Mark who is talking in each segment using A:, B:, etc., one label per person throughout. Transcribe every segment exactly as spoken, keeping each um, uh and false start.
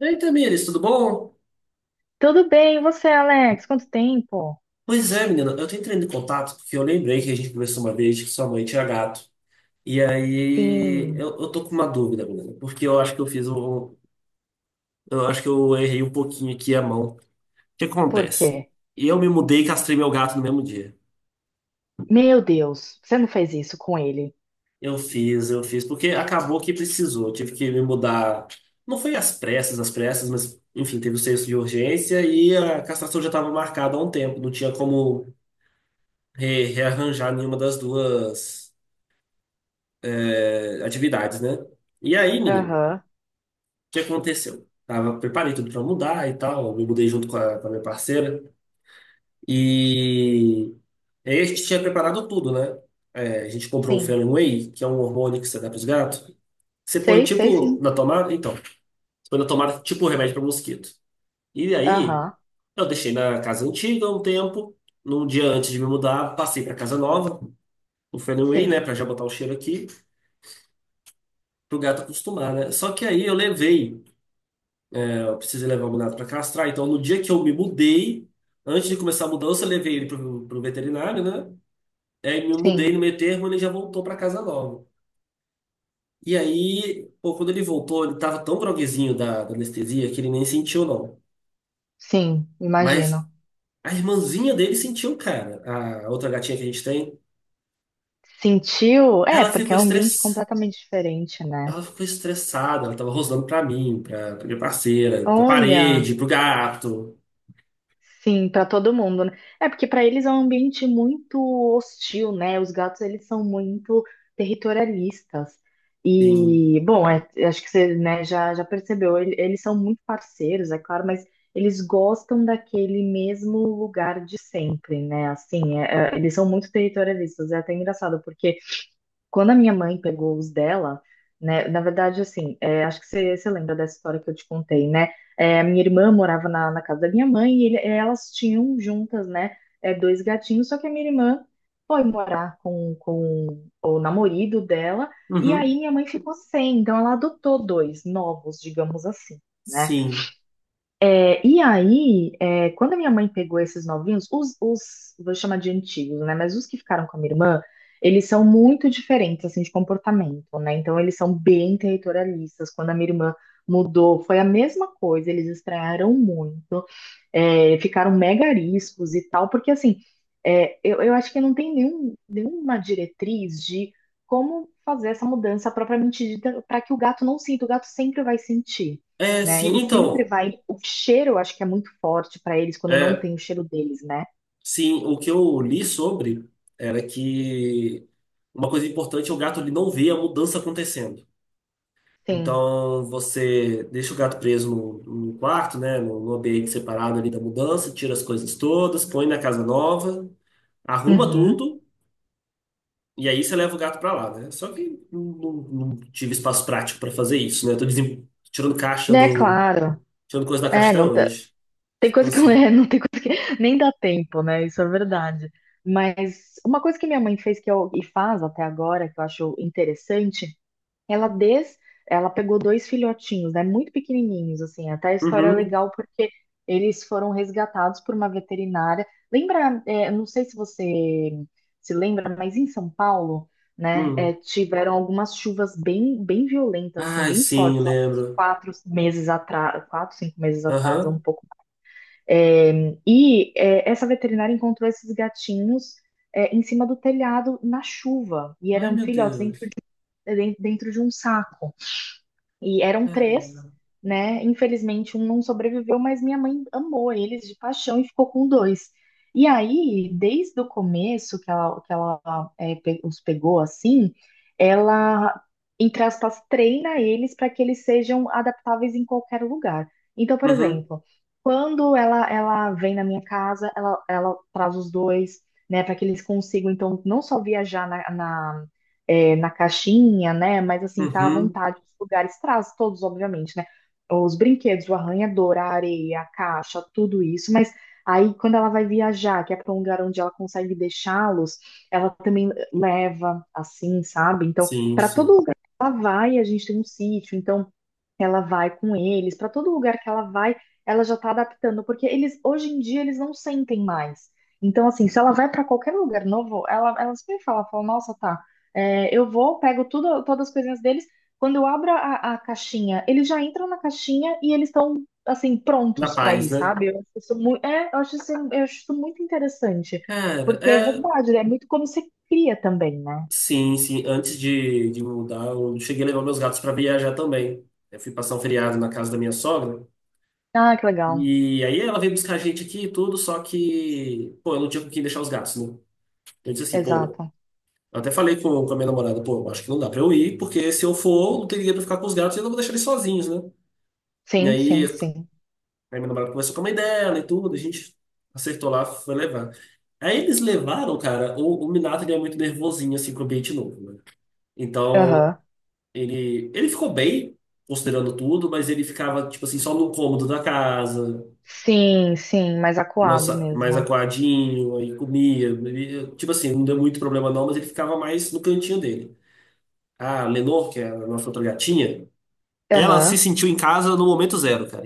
A: E aí, Tamires, tudo bom?
B: Tudo bem, e você, Alex? Quanto tempo?
A: Pois é, menina, eu tô entrando em contato porque eu lembrei que a gente conversou uma vez que sua mãe tinha gato. E aí,
B: Sim,
A: eu, eu tô com uma dúvida, menina, porque eu acho que eu fiz um. Eu acho que eu errei um pouquinho aqui a mão. O que
B: por
A: acontece?
B: quê?
A: Eu me mudei e castrei meu gato no mesmo dia.
B: Meu Deus, você não fez isso com ele?
A: Eu fiz, eu fiz, porque acabou que precisou. Eu tive que me mudar. Não foi às pressas, às pressas, mas, enfim, teve o senso de urgência e a castração já estava marcada há um tempo. Não tinha como re- rearranjar nenhuma das duas é, atividades, né? E aí, menino, o
B: Aham,
A: que aconteceu? Tava, preparei tudo pra mudar e tal, me mudei junto com a, com a minha parceira. E aí a gente tinha preparado tudo, né? É, a gente comprou o
B: sim.
A: Fenway, que é um hormônio que você dá pros gatos. Você põe
B: Sei, sei
A: tipo
B: sim.
A: na tomada, então, você põe na tomada tipo um remédio para mosquito. E aí,
B: Aham,
A: eu deixei na casa antiga um tempo. Num dia antes de me mudar, passei pra casa nova, o Fenway, né,
B: sim,
A: pra já botar o cheiro aqui, pro gato acostumar, né? Só que aí eu levei. Eu precisei levar o Minato para castrar. Então, no dia que eu me mudei, antes de começar a mudança, eu levei ele pro, pro veterinário, né? Aí me mudei no
B: sim,
A: meio termo, ele já voltou para casa nova. E aí, pô, quando ele voltou, ele tava tão groguezinho da, da anestesia que ele nem sentiu, não.
B: sim,
A: Mas
B: imagino.
A: a irmãzinha dele sentiu, cara. A outra gatinha que a gente tem,
B: Sentiu? É,
A: ela
B: porque
A: ficou
B: é um ambiente
A: estress...
B: completamente diferente, né?
A: ela ficou estressada, ela tava rosnando pra mim, pra, pra minha parceira, pra
B: Olha.
A: parede, pro gato.
B: Sim, para todo mundo, né? É porque para eles é um ambiente muito hostil, né? Os gatos eles são muito territorialistas.
A: Sim.
B: E, bom, é- acho que você, né, já, já percebeu, ele- eles são muito parceiros, é claro, mas eles gostam daquele mesmo lugar de sempre, né? Assim, é- é- eles são muito territorialistas. É até engraçado, porque quando a minha mãe pegou os dela, né, na verdade, assim, é, acho que você, você lembra dessa história que eu te contei, né? É, a minha irmã morava na, na casa da minha mãe e ele- é, elas tinham juntas, né, é, dois gatinhos, só que a minha irmã foi morar com, com o namorado dela e aí
A: Uhum.
B: minha mãe ficou sem, então ela adotou dois novos, digamos assim, né?
A: Sim.
B: É, e aí, é, quando a minha mãe pegou esses novinhos, os, os, vou chamar de antigos, né? Mas os que ficaram com a minha irmã, eles são muito diferentes, assim, de comportamento, né? Então, eles são bem territorialistas. Quando a minha irmã mudou, foi a mesma coisa, eles estranharam muito, é, ficaram mega ariscos e tal, porque, assim, é, eu, eu acho que não tem nenhum, nenhuma diretriz de como fazer essa mudança propriamente dita para que o gato não sinta, o gato sempre vai sentir,
A: É,
B: né?
A: sim,
B: Ele sempre
A: então.
B: vai. O cheiro, eu acho que é muito forte para eles quando não
A: É,
B: tem o cheiro deles, né?
A: sim, o que eu li sobre era que uma coisa importante é o gato ele não vê a mudança acontecendo.
B: Sim.
A: Então você deixa o gato preso no, no quarto, né, no, no ambiente separado ali da mudança, tira as coisas todas, põe na casa nova, arruma
B: Uhum.
A: tudo e aí você leva o gato pra lá, né? Só que não, não- não tive espaço prático pra fazer isso, né? Eu tô desem- tirando caixa
B: É
A: do,
B: claro.
A: tirando coisa da caixa
B: É,
A: até
B: não tá-
A: hoje.
B: tem
A: Então
B: coisa que não
A: assim.
B: é, não tem coisa que nem dá tempo, né? Isso é verdade. Mas uma coisa que minha mãe fez que eu e faz até agora, que eu acho interessante, Ela des... ela pegou dois filhotinhos, né, muito pequenininhos, assim. Até a história é
A: Uhum,
B: legal porque eles foram resgatados por uma veterinária. Lembra, é, não sei se você se lembra, mas em São Paulo, né, é,
A: uhum.
B: tiveram algumas chuvas bem, bem violentas, assim,
A: Ai,
B: bem
A: sim,
B: fortes, há uns
A: lembro.
B: quatro meses atrás, quatro, cinco meses atrás, ou um
A: Aham.
B: pouco. É, e é, essa veterinária encontrou esses gatinhos é, em cima do telhado na chuva e
A: Ai,
B: eram
A: meu
B: filhotes dentro
A: Deus.
B: de, dentro de um saco. E eram
A: Cara.
B: três, né? Infelizmente, um não sobreviveu, mas minha mãe amou eles de paixão e ficou com dois. E aí, desde o começo que ela, que ela é, pe- os pegou assim, ela, entre aspas, treina eles para que eles sejam adaptáveis em qualquer lugar. Então, por
A: Uhum,
B: exemplo, quando ela, ela vem na minha casa, ela, ela traz os dois, né, para que eles consigam, então, não só viajar é, na caixinha, né? Mas assim, tá à
A: uhum.
B: vontade os lugares, traz todos, obviamente, né? Os brinquedos, o arranhador, a areia, a caixa, tudo isso, mas aí quando ela vai viajar, que é para um lugar onde ela consegue deixá-los, ela também leva assim, sabe? Então,
A: Sim,
B: para todo
A: sim.
B: lugar que ela vai, a gente tem um sítio, então ela vai com eles. Para todo lugar que ela vai, ela já tá adaptando, porque eles hoje em dia eles não sentem mais. Então, assim, se ela vai para qualquer lugar novo, ela, ela sempre fala, fala, nossa, tá, é, eu vou, pego tudo, todas as coisinhas deles. Quando eu abro a, a caixinha, eles já entram na caixinha e eles estão, assim,
A: Na
B: prontos para
A: paz,
B: ir,
A: né?
B: sabe? Eu acho isso muito, é, eu acho isso, eu acho isso muito interessante.
A: Cara,
B: Porque é
A: é.
B: verdade, é muito como você cria também, né?
A: Sim, sim. Antes de, de mudar, eu cheguei a levar meus gatos pra viajar também. Eu fui passar um feriado na casa da minha sogra.
B: Ah, que legal.
A: E aí ela veio buscar a gente aqui e tudo, só que, pô, eu não tinha com quem deixar os gatos, né? Eu disse assim, pô.
B: Exato.
A: Eu até falei com, com a minha namorada, pô, eu acho que não dá pra eu ir, porque se eu for, não teria pra ficar com os gatos e eu não vou deixar eles sozinhos, né? E
B: Sim,
A: aí,
B: sim, sim.
A: aí meu namorado conversou com a mãe dela e tudo, a gente acertou lá, foi levar. Aí eles levaram, cara, o, o Minato ele é muito nervosinho, assim, pro ambiente novo, né? Então,
B: Aham.
A: ele, ele ficou bem, considerando tudo, mas ele ficava, tipo assim, só no cômodo da casa,
B: Sim, sim, mais acuado
A: nossa, mais
B: mesmo.
A: acuadinho, aí comia, ele- tipo assim, não deu muito problema não, mas ele ficava mais no cantinho dele. A Lenor, que é a nossa outra gatinha, ela se
B: Aham.
A: sentiu em casa no momento zero, cara,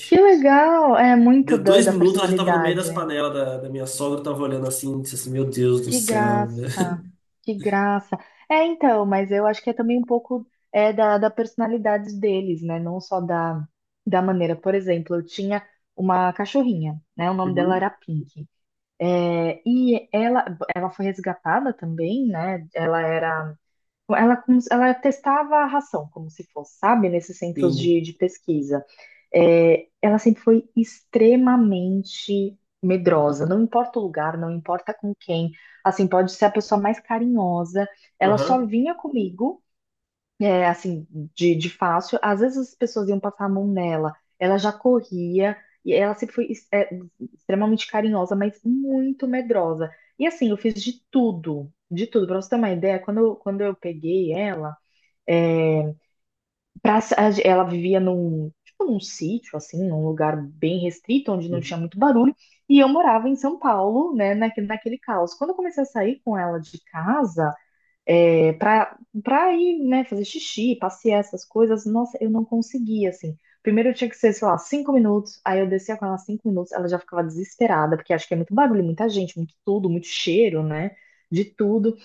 B: Que legal! É muito
A: Deu
B: da,
A: dois
B: da
A: minutos, ela já tava no meio
B: personalidade.
A: das panelas da, da minha sogra, tava olhando assim, disse assim, meu Deus do
B: Que
A: céu. Né?
B: graça, que graça. É, então, mas eu acho que é também um pouco é da, da personalidade deles, né? Não só da, da maneira. Por exemplo, eu tinha uma cachorrinha, né? O nome dela
A: Uhum,
B: era Pink. É, e ela, ela foi resgatada também, né? Ela era ela, como se- ela testava a ração, como se fosse, sabe, nesses centros
A: sim.
B: de, de pesquisa. É, ela sempre foi extremamente medrosa, não importa o lugar, não importa com quem. Assim, pode ser a pessoa mais carinhosa. Ela só
A: Aham.
B: vinha comigo é, assim, de, de fácil. Às vezes as pessoas iam passar a mão nela, ela já corria, e ela sempre foi es- é, extremamente carinhosa, mas muito medrosa. E assim, eu fiz de tudo, de tudo. Pra você ter uma ideia, quando eu, quando eu peguei ela, é, pra, a ge- ela vivia num, tipo, num sítio, assim, num lugar bem restrito, onde não tinha muito barulho, e eu morava em São Paulo, né, naque- naquele caos. Quando eu comecei a sair com ela de casa, é, para para ir, né, fazer xixi, passear, essas coisas, nossa, eu não conseguia, assim. Primeiro eu tinha que ser, sei lá, cinco minutos, aí eu descia com ela cinco minutos, ela já ficava desesperada, porque acho que é muito barulho, muita gente, muito tudo, muito cheiro, né, de tudo.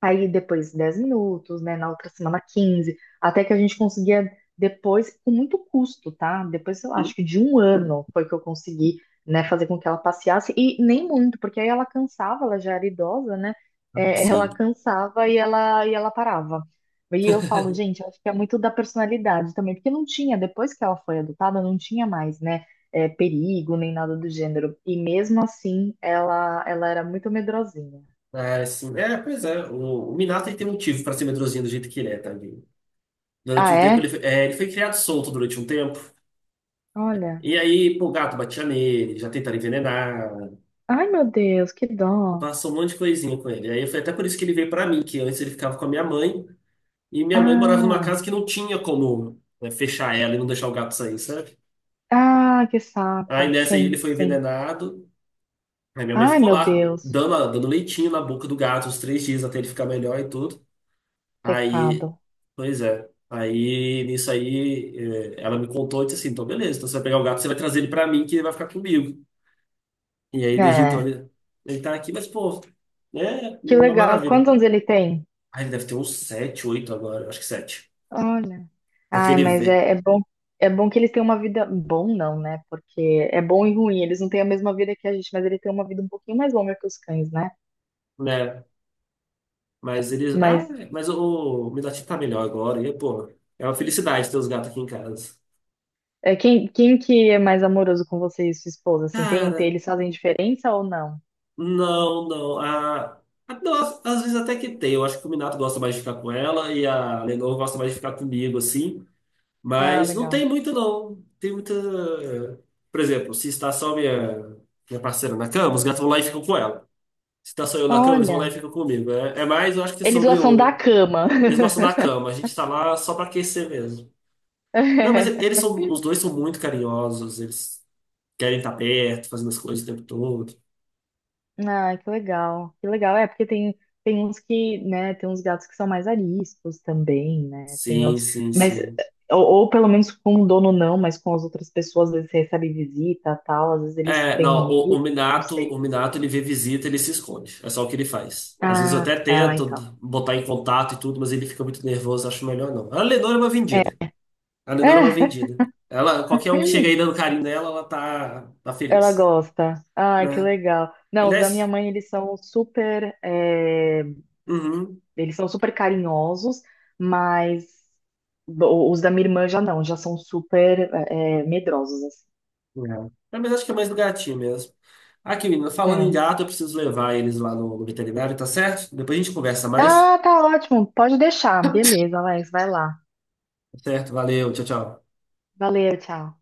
B: Aí depois dez minutos, né? Na outra semana quinze, até que a gente conseguia depois, com muito custo, tá? Depois, sei lá,
A: Uhum.
B: acho que de um ano foi que eu consegui, né, fazer com que ela passeasse, e nem muito, porque aí ela cansava, ela já era idosa, né?
A: Ah,
B: É, ela
A: sim.
B: cansava e ela, e ela parava. E eu falo, gente, acho que é muito da personalidade também, porque não tinha, depois que ela foi adotada, não tinha mais, né? é, perigo, nem nada do gênero. E mesmo assim, ela, ela era muito medrosinha.
A: Ah, sim. É, pois é. O, o Minato ele tem motivo pra ser medrosinho do jeito que ele é, também. Durante
B: Ah,
A: um tempo, ele
B: é?
A: foi, é, ele foi criado solto durante um tempo.
B: Olha.
A: E aí, pô, o gato batia nele, já tentaram envenenar.
B: Ai, meu Deus, que dó.
A: Passou um monte de coisinha com ele. Aí foi até por isso que ele veio pra mim, que antes ele ficava com a minha mãe. E minha mãe morava numa
B: Ah,
A: casa que não tinha como, né, fechar ela e não deixar o gato sair, sabe?
B: ah, que
A: Aí
B: saco.
A: nessa aí ele
B: Sim,
A: foi
B: sim.
A: envenenado. Aí minha mãe
B: Ai,
A: ficou
B: meu
A: lá,
B: Deus,
A: dando, a- dando leitinho na boca do gato uns três dias até ele ficar melhor e tudo. Aí,
B: pecado.
A: pois é. Aí nisso aí eh, ela me contou e disse assim: então beleza, então você vai pegar o gato, você vai trazer ele pra mim que ele vai ficar comigo. E aí desde então
B: É,
A: ele, ele tá aqui, mas pô, é
B: que
A: uma
B: legal.
A: maravilha.
B: Quantos anos ele tem?
A: Aí ele deve ter uns sete, oito agora, eu acho que sete.
B: Olha.
A: Porque
B: Ai,
A: ele
B: mas
A: vê,
B: é, é bom, é bom que eles têm uma vida. Bom, não, né? Porque é bom e ruim. Eles não têm a mesma vida que a gente, mas ele tem uma vida um pouquinho mais longa que os cães, né?
A: né? Mas ele, ah,
B: Mas
A: mas o, o Midati tá melhor agora. E pô, é uma felicidade ter os gatos aqui em casa.
B: é, quem, quem que é mais amoroso com você e sua esposa? Assim, tem, tem-
A: Cara,
B: eles fazem diferença ou não?
A: não, não. A, a- não, às às vezes até que tem. Eu acho que o Minato gosta mais de ficar com ela e a Lenor gosta mais de ficar comigo, assim.
B: Ah,
A: Mas não
B: legal.
A: tem muito, não. Tem muita. Por exemplo, se está só minha, minha parceira na cama, os gatos vão lá e ficam com ela. Se está só eu na cama, eles vão lá e
B: Olha,
A: ficam comigo. É, é mais, eu acho que
B: eles
A: sobre
B: gostam da
A: o.
B: cama.
A: Eles gostam da cama, a gente está lá só para aquecer mesmo. Não, mas e- eles são. Os dois são muito carinhosos, eles querem estar perto, fazendo as coisas o tempo todo.
B: Ah, que legal, que legal. É, porque tem, tem uns que, né, tem uns gatos que são mais ariscos também, né? Tem
A: Sim,
B: outros,
A: sim,
B: mas,
A: sim.
B: ou, ou pelo menos com o dono não, mas com as outras pessoas, às vezes você recebe visita tal, às vezes eles
A: É, não,
B: têm um
A: o, o
B: medo, não
A: Minato,
B: sei.
A: o Minato ele vê visita, ele se esconde. É só o que ele faz. Às vezes eu
B: Ah,
A: até
B: ah,
A: tento
B: então.
A: botar em contato e tudo, mas ele fica muito nervoso, acho melhor não. A Lenora é uma
B: É.
A: vendida. A Lenora é uma vendida. Ela, qualquer um que chega aí dando carinho nela, ela tá, tá
B: Ela
A: feliz,
B: gosta. Ai, que
A: né?
B: legal. Não, os da minha
A: Aliás,
B: mãe, eles são super, é,
A: uhum,
B: eles são super carinhosos, mas o- os da minha irmã já não, já são super, é, medrosos, assim.
A: é. É, mas acho que é mais do gatinho mesmo. Aqui, menina, falando em
B: É.
A: gato, eu preciso levar eles lá no, no veterinário, tá certo? Depois a gente conversa mais.
B: Ah, tá ótimo. Pode deixar. Beleza, Alex, vai lá.
A: Tá certo, valeu, tchau, tchau.
B: Valeu, tchau.